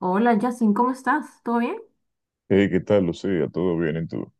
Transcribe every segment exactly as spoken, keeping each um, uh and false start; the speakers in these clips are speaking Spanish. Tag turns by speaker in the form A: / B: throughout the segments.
A: Hola, Justin, ¿cómo estás? ¿Todo bien?
B: Hey, ¿qué tal, Lucía? ¿Todo bien en tú?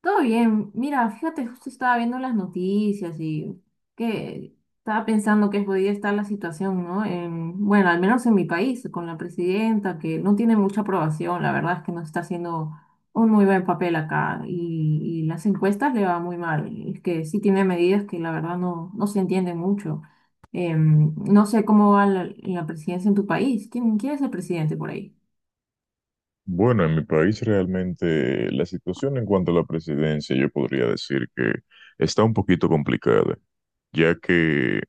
A: Todo bien. Mira, fíjate, justo estaba viendo las noticias y que estaba pensando que podía estar la situación, ¿no? En- bueno, al menos en mi país, con la presidenta, que no tiene mucha aprobación, la verdad es que no está haciendo un muy buen papel acá y, y las encuestas le va muy mal. Es que sí tiene medidas que la verdad no, no se entiende mucho. Em, no sé cómo va la, la presidencia en tu país. ¿Quién, ¿quién es el presidente por ahí?
B: Bueno, en mi país realmente la situación en cuanto a la presidencia, yo podría decir que está un poquito complicada, ya que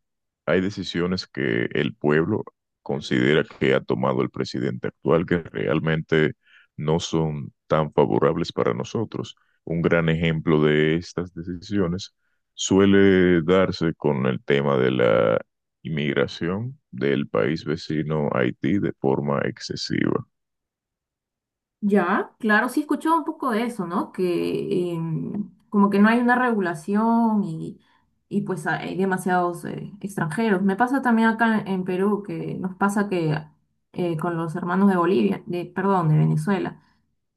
B: hay decisiones que el pueblo considera que ha tomado el presidente actual que realmente no son tan favorables para nosotros. Un gran ejemplo de estas decisiones suele darse con el tema de la inmigración del país vecino Haití de forma excesiva.
A: Ya, claro, sí he escuchado un poco de eso, ¿no? Que em, como que no hay una regulación y, y pues hay demasiados eh, extranjeros. Me pasa también acá en, en Perú, que nos pasa que eh, con los hermanos de Bolivia, de, perdón, de Venezuela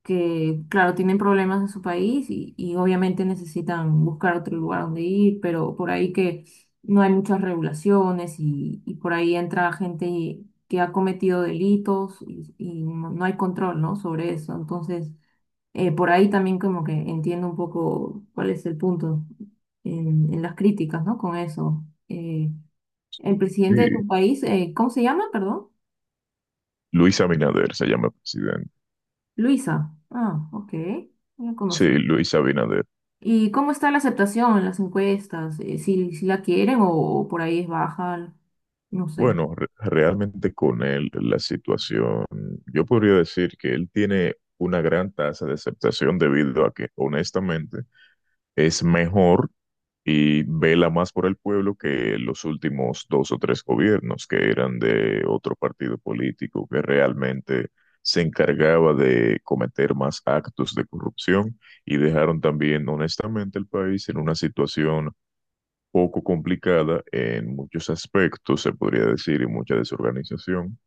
A: que, claro, tienen problemas en su país y, y obviamente necesitan buscar otro lugar donde ir, pero por ahí que no hay muchas regulaciones y, y por ahí entra gente que ha cometido delitos y, y no no hay control, ¿no? Sobre eso. Entonces, eh, por ahí también como que entiendo un poco cuál es el punto en, en las críticas, ¿no? Con eso. Eh, el
B: Sí,
A: presidente de tu país, eh, ¿cómo se llama? Perdón.
B: Luis Abinader se llama presidente.
A: Luisa. Ah, ok. No la
B: Sí,
A: conocía.
B: Luis Abinader.
A: ¿Y cómo está la aceptación en las encuestas? Eh, si, si la quieren o por ahí es baja, no sé.
B: Bueno, re- realmente con él la situación, yo podría decir que él tiene una gran tasa de aceptación debido a que honestamente es mejor y vela más por el pueblo que los últimos dos o tres gobiernos que eran de otro partido político que realmente se encargaba de cometer más actos de corrupción y dejaron también honestamente el país en una situación poco complicada en muchos aspectos, se podría decir, y mucha desorganización,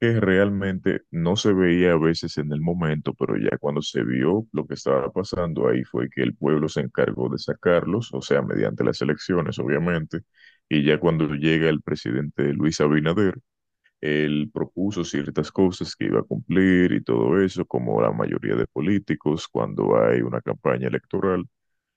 B: que realmente no se veía a veces en el momento, pero ya cuando se vio lo que estaba pasando, ahí fue que el pueblo se encargó de sacarlos, o sea, mediante las elecciones, obviamente, y ya cuando llega el presidente Luis Abinader, él propuso ciertas cosas que iba a cumplir y todo eso, como la mayoría de políticos cuando hay una campaña electoral,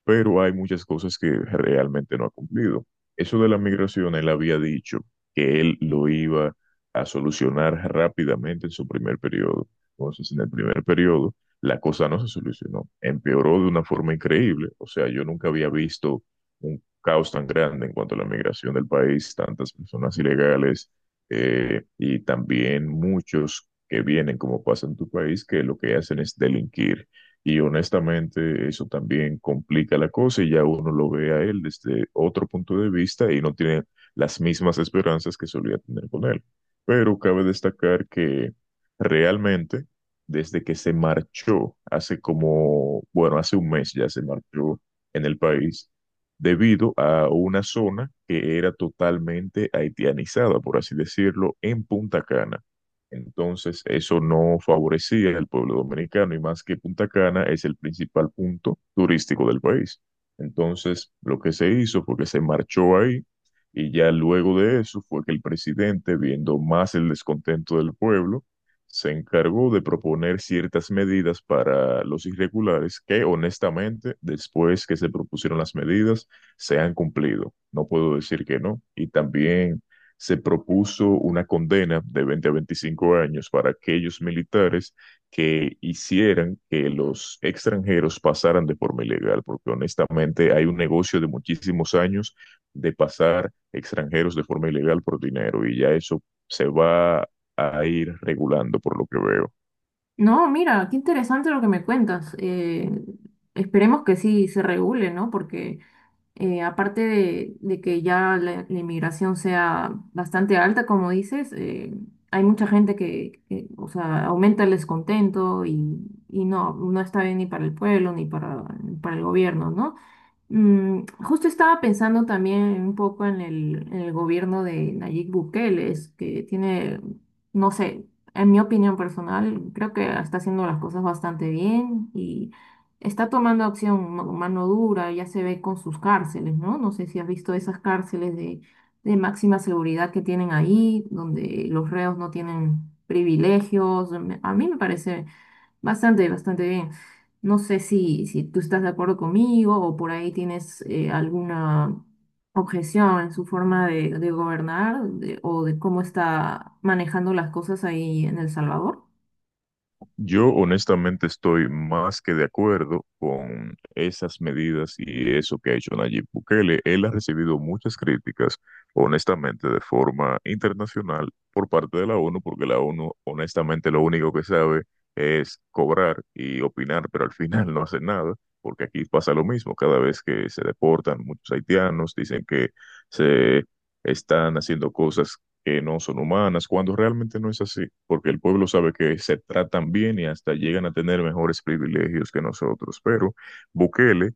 B: pero hay muchas cosas que realmente no ha cumplido. Eso de la migración, él había dicho que él lo iba a solucionar rápidamente en su primer periodo. Entonces, en el primer periodo, la cosa no se solucionó, empeoró de una forma increíble. O sea, yo nunca había visto un caos tan grande en cuanto a la migración del país, tantas personas ilegales, eh, y también muchos que vienen como pasa en tu país, que lo que hacen es delinquir y, honestamente, eso también complica la cosa y ya uno lo ve a él desde otro punto de vista y no tiene las mismas esperanzas que solía tener con él. Pero cabe destacar que realmente, desde que se marchó hace como, bueno, hace un mes ya se marchó en el país, debido a una zona que era totalmente haitianizada, por así decirlo, en Punta Cana. Entonces, eso no favorecía al pueblo dominicano y más que Punta Cana es el principal punto turístico del país. Entonces, lo que se hizo fue que se marchó ahí y ya luego de eso fue que el presidente, viendo más el descontento del pueblo, se encargó de proponer ciertas medidas para los irregulares que, honestamente, después que se propusieron las medidas, se han cumplido. No puedo decir que no. Y también se propuso una condena de veinte a veinticinco años para aquellos militares que hicieran que los extranjeros pasaran de forma ilegal, porque honestamente hay un negocio de muchísimos años de pasar extranjeros de forma ilegal por dinero y ya eso se va a ir regulando por lo que veo.
A: No, mira, qué interesante lo que me cuentas. Eh, esperemos que sí se regule, ¿no? Porque eh, aparte de, de que ya la, la inmigración sea bastante alta, como dices, eh, hay mucha gente que, que, o sea, aumenta el descontento y, y no, no está bien ni para el pueblo ni para, para el gobierno, ¿no? Mm, justo estaba pensando también un poco en el, en el gobierno de Nayib Bukele, es que tiene, no sé, en mi opinión personal, creo que está haciendo las cosas bastante bien y está tomando acción ma- mano dura, ya se ve con sus cárceles, ¿no? No sé si has visto esas cárceles de, de máxima seguridad que tienen ahí, donde los reos no tienen privilegios. Me- A mí me parece bastante, bastante bien. No sé si, si tú estás de acuerdo conmigo o por ahí tienes eh, alguna objeción en su forma de, de gobernar de- o de cómo está manejando las cosas ahí en El Salvador.
B: Yo honestamente estoy más que de acuerdo con esas medidas y eso que ha hecho Nayib Bukele. Él ha recibido muchas críticas, honestamente, de forma internacional por parte de la O N U, porque la O N U honestamente lo único que sabe es cobrar y opinar, pero al final no hace nada, porque aquí pasa lo mismo. Cada vez que se deportan muchos haitianos, dicen que se están haciendo cosas que no son humanas, cuando realmente no es así, porque el pueblo sabe que se tratan bien y hasta llegan a tener mejores privilegios que nosotros. Pero Bukele,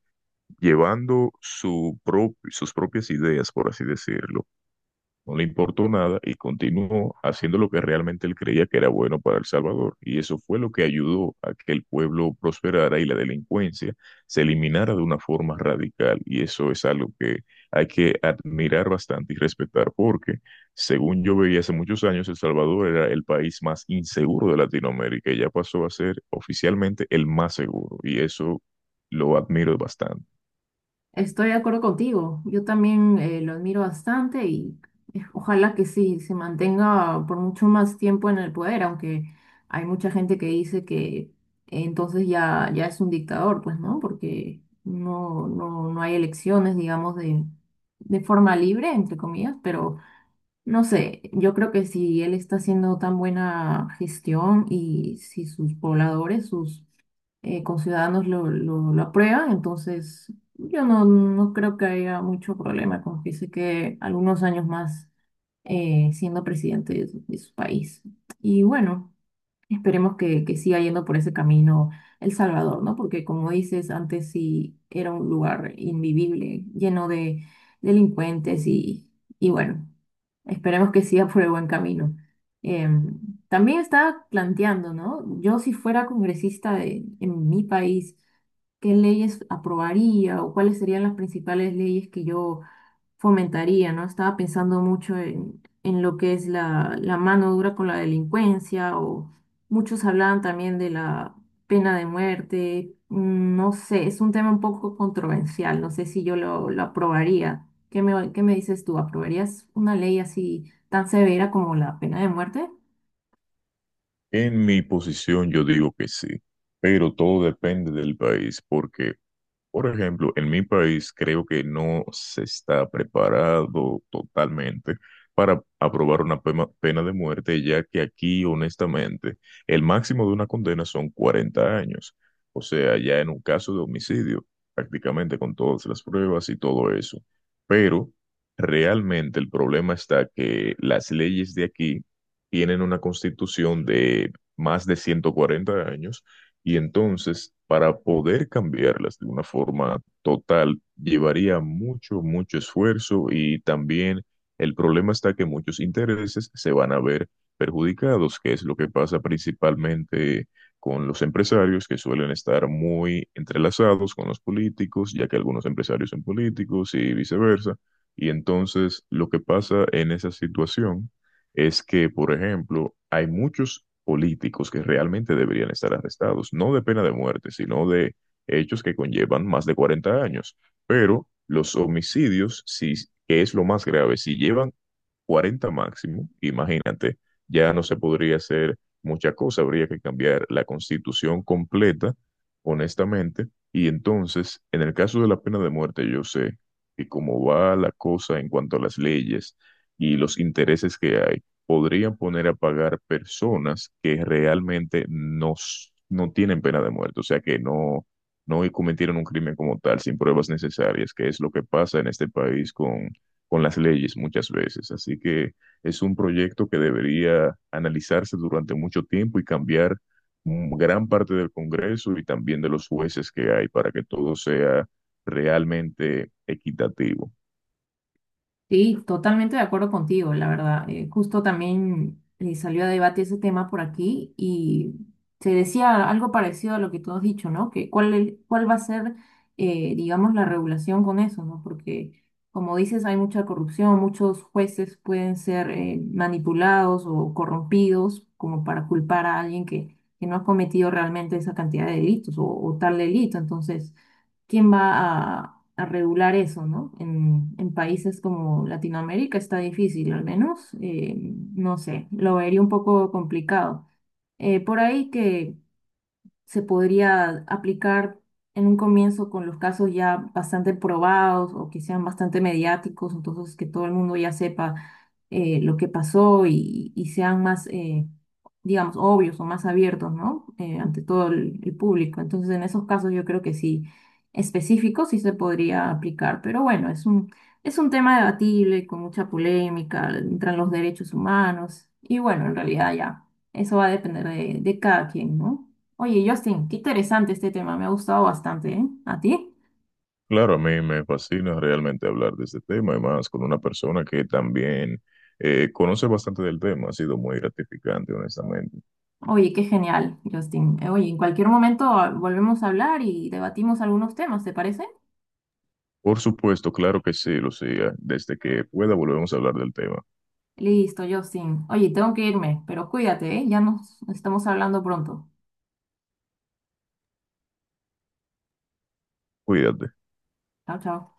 B: llevando su prop- sus propias ideas, por así decirlo, no le importó nada y continuó haciendo lo que realmente él creía que era bueno para El Salvador. Y eso fue lo que ayudó a que el pueblo prosperara y la delincuencia se eliminara de una forma radical. Y eso es algo que hay que admirar bastante y respetar, porque según yo veía hace muchos años, El Salvador era el país más inseguro de Latinoamérica y ya pasó a ser oficialmente el más seguro. Y eso lo admiro bastante.
A: Estoy de acuerdo contigo. Yo también eh, lo admiro bastante y eh, ojalá que sí se mantenga por mucho más tiempo en el poder, aunque hay mucha gente que dice que entonces ya, ya es un dictador, pues, ¿no? Porque no, no, no hay elecciones, digamos, de, de forma libre, entre comillas, pero no sé, yo creo que si él está haciendo tan buena gestión y si sus pobladores, sus eh, conciudadanos lo, lo, lo aprueban, entonces yo no, no creo que haya mucho problema con que se quede algunos años más, eh, siendo presidente de su, de su país. Y bueno. Esperemos que, que siga yendo por ese camino El Salvador, ¿no? Porque como dices, antes sí era un lugar invivible, lleno de delincuentes y, y bueno, esperemos que siga por el buen camino. Em, También estaba planteando, ¿no? Yo, si fuera congresista de- en mi país, ¿qué leyes aprobaría o cuáles serían las principales leyes que yo fomentaría, ¿no? Estaba pensando mucho en, en lo que es la, la mano dura con la delincuencia, o muchos hablaban también de la pena de muerte. Mm, No sé, es un tema un poco controversial, no sé si yo lo, lo aprobaría. ¿Qué me, ¿qué me dices tú? ¿Aprobarías una ley así tan severa como la pena de muerte?
B: En mi posición yo digo que sí, pero todo depende del país, porque por ejemplo, en mi país creo que no se está preparado totalmente para aprobar una pema- pena de muerte, ya que aquí, honestamente, el máximo de una condena son cuarenta años. O sea, ya en un caso de homicidio, prácticamente con todas las pruebas y todo eso. Pero realmente el problema está que las leyes de aquí tienen una constitución de más de ciento cuarenta años y entonces, para poder cambiarlas de una forma total, llevaría mucho, mucho esfuerzo y también el problema está que muchos intereses se van a ver perjudicados, que es lo que pasa principalmente con los empresarios que suelen estar muy entrelazados con los políticos, ya que algunos empresarios son políticos y viceversa. Y entonces, lo que pasa en esa situación es que, por ejemplo, hay muchos políticos que realmente deberían estar arrestados, no de pena de muerte, sino de hechos que conllevan más de cuarenta años. Pero los homicidios, si, que es lo más grave, si llevan cuarenta máximo, imagínate, ya no se podría hacer mucha cosa, habría que cambiar la constitución completa, honestamente, y entonces, en el caso de la pena de muerte, yo sé que como va la cosa en cuanto a las leyes y los intereses que hay, podrían poner a pagar personas que realmente no, s- no tienen pena de muerte, o sea que no, no cometieron un crimen como tal, sin pruebas necesarias, que es lo que pasa en este país con con las leyes muchas veces. Así que es un proyecto que debería analizarse durante mucho tiempo y cambiar, mm, gran parte del Congreso y también de los jueces que hay para que todo sea realmente equitativo.
A: Sí, totalmente de acuerdo contigo, la verdad. Eh, justo también eh, salió a debate ese tema por aquí y se decía algo parecido a lo que tú has dicho, ¿no? Que cuál, el- cuál va a ser, eh, digamos, la regulación con eso, ¿no? Porque, como dices, hay mucha corrupción, muchos jueces pueden ser eh, manipulados o corrompidos como para culpar a alguien que, que no ha cometido realmente esa cantidad de delitos o, o tal delito. Entonces, quién va a, a regular eso, ¿no? En, en países como Latinoamérica está difícil, al menos, eh, no sé, lo vería un poco complicado. Eh, por ahí que se podría aplicar en un comienzo con los casos ya bastante probados o que sean bastante mediáticos, entonces que todo el mundo ya sepa eh, lo que pasó y, y sean más, eh, digamos, obvios o más abiertos, ¿no? Eh, ante todo el, el público. Entonces, en esos casos yo creo que sí, específicos sí se podría aplicar, pero bueno, es un, es un tema debatible, con mucha polémica, entran los derechos humanos y bueno, en realidad ya, eso va a depender de, de cada quien, ¿no? Oye, Justin, qué interesante este tema, me ha gustado bastante, ¿eh? ¿A ti?
B: Claro, a mí me fascina realmente hablar de este tema, además con una persona que también eh, conoce bastante del tema, ha sido muy gratificante, honestamente.
A: Oye, qué genial, Justin. Eh, Oye, en cualquier momento, ah, volvemos a hablar y debatimos algunos temas, ¿te parece?
B: Por supuesto, claro que sí, Lucía, desde que pueda volvemos a hablar del tema.
A: Listo, Justin. Oye, tengo que irme, pero cuídate, ¿eh? Ya nos estamos hablando pronto.
B: Cuídate.
A: Chao, chao.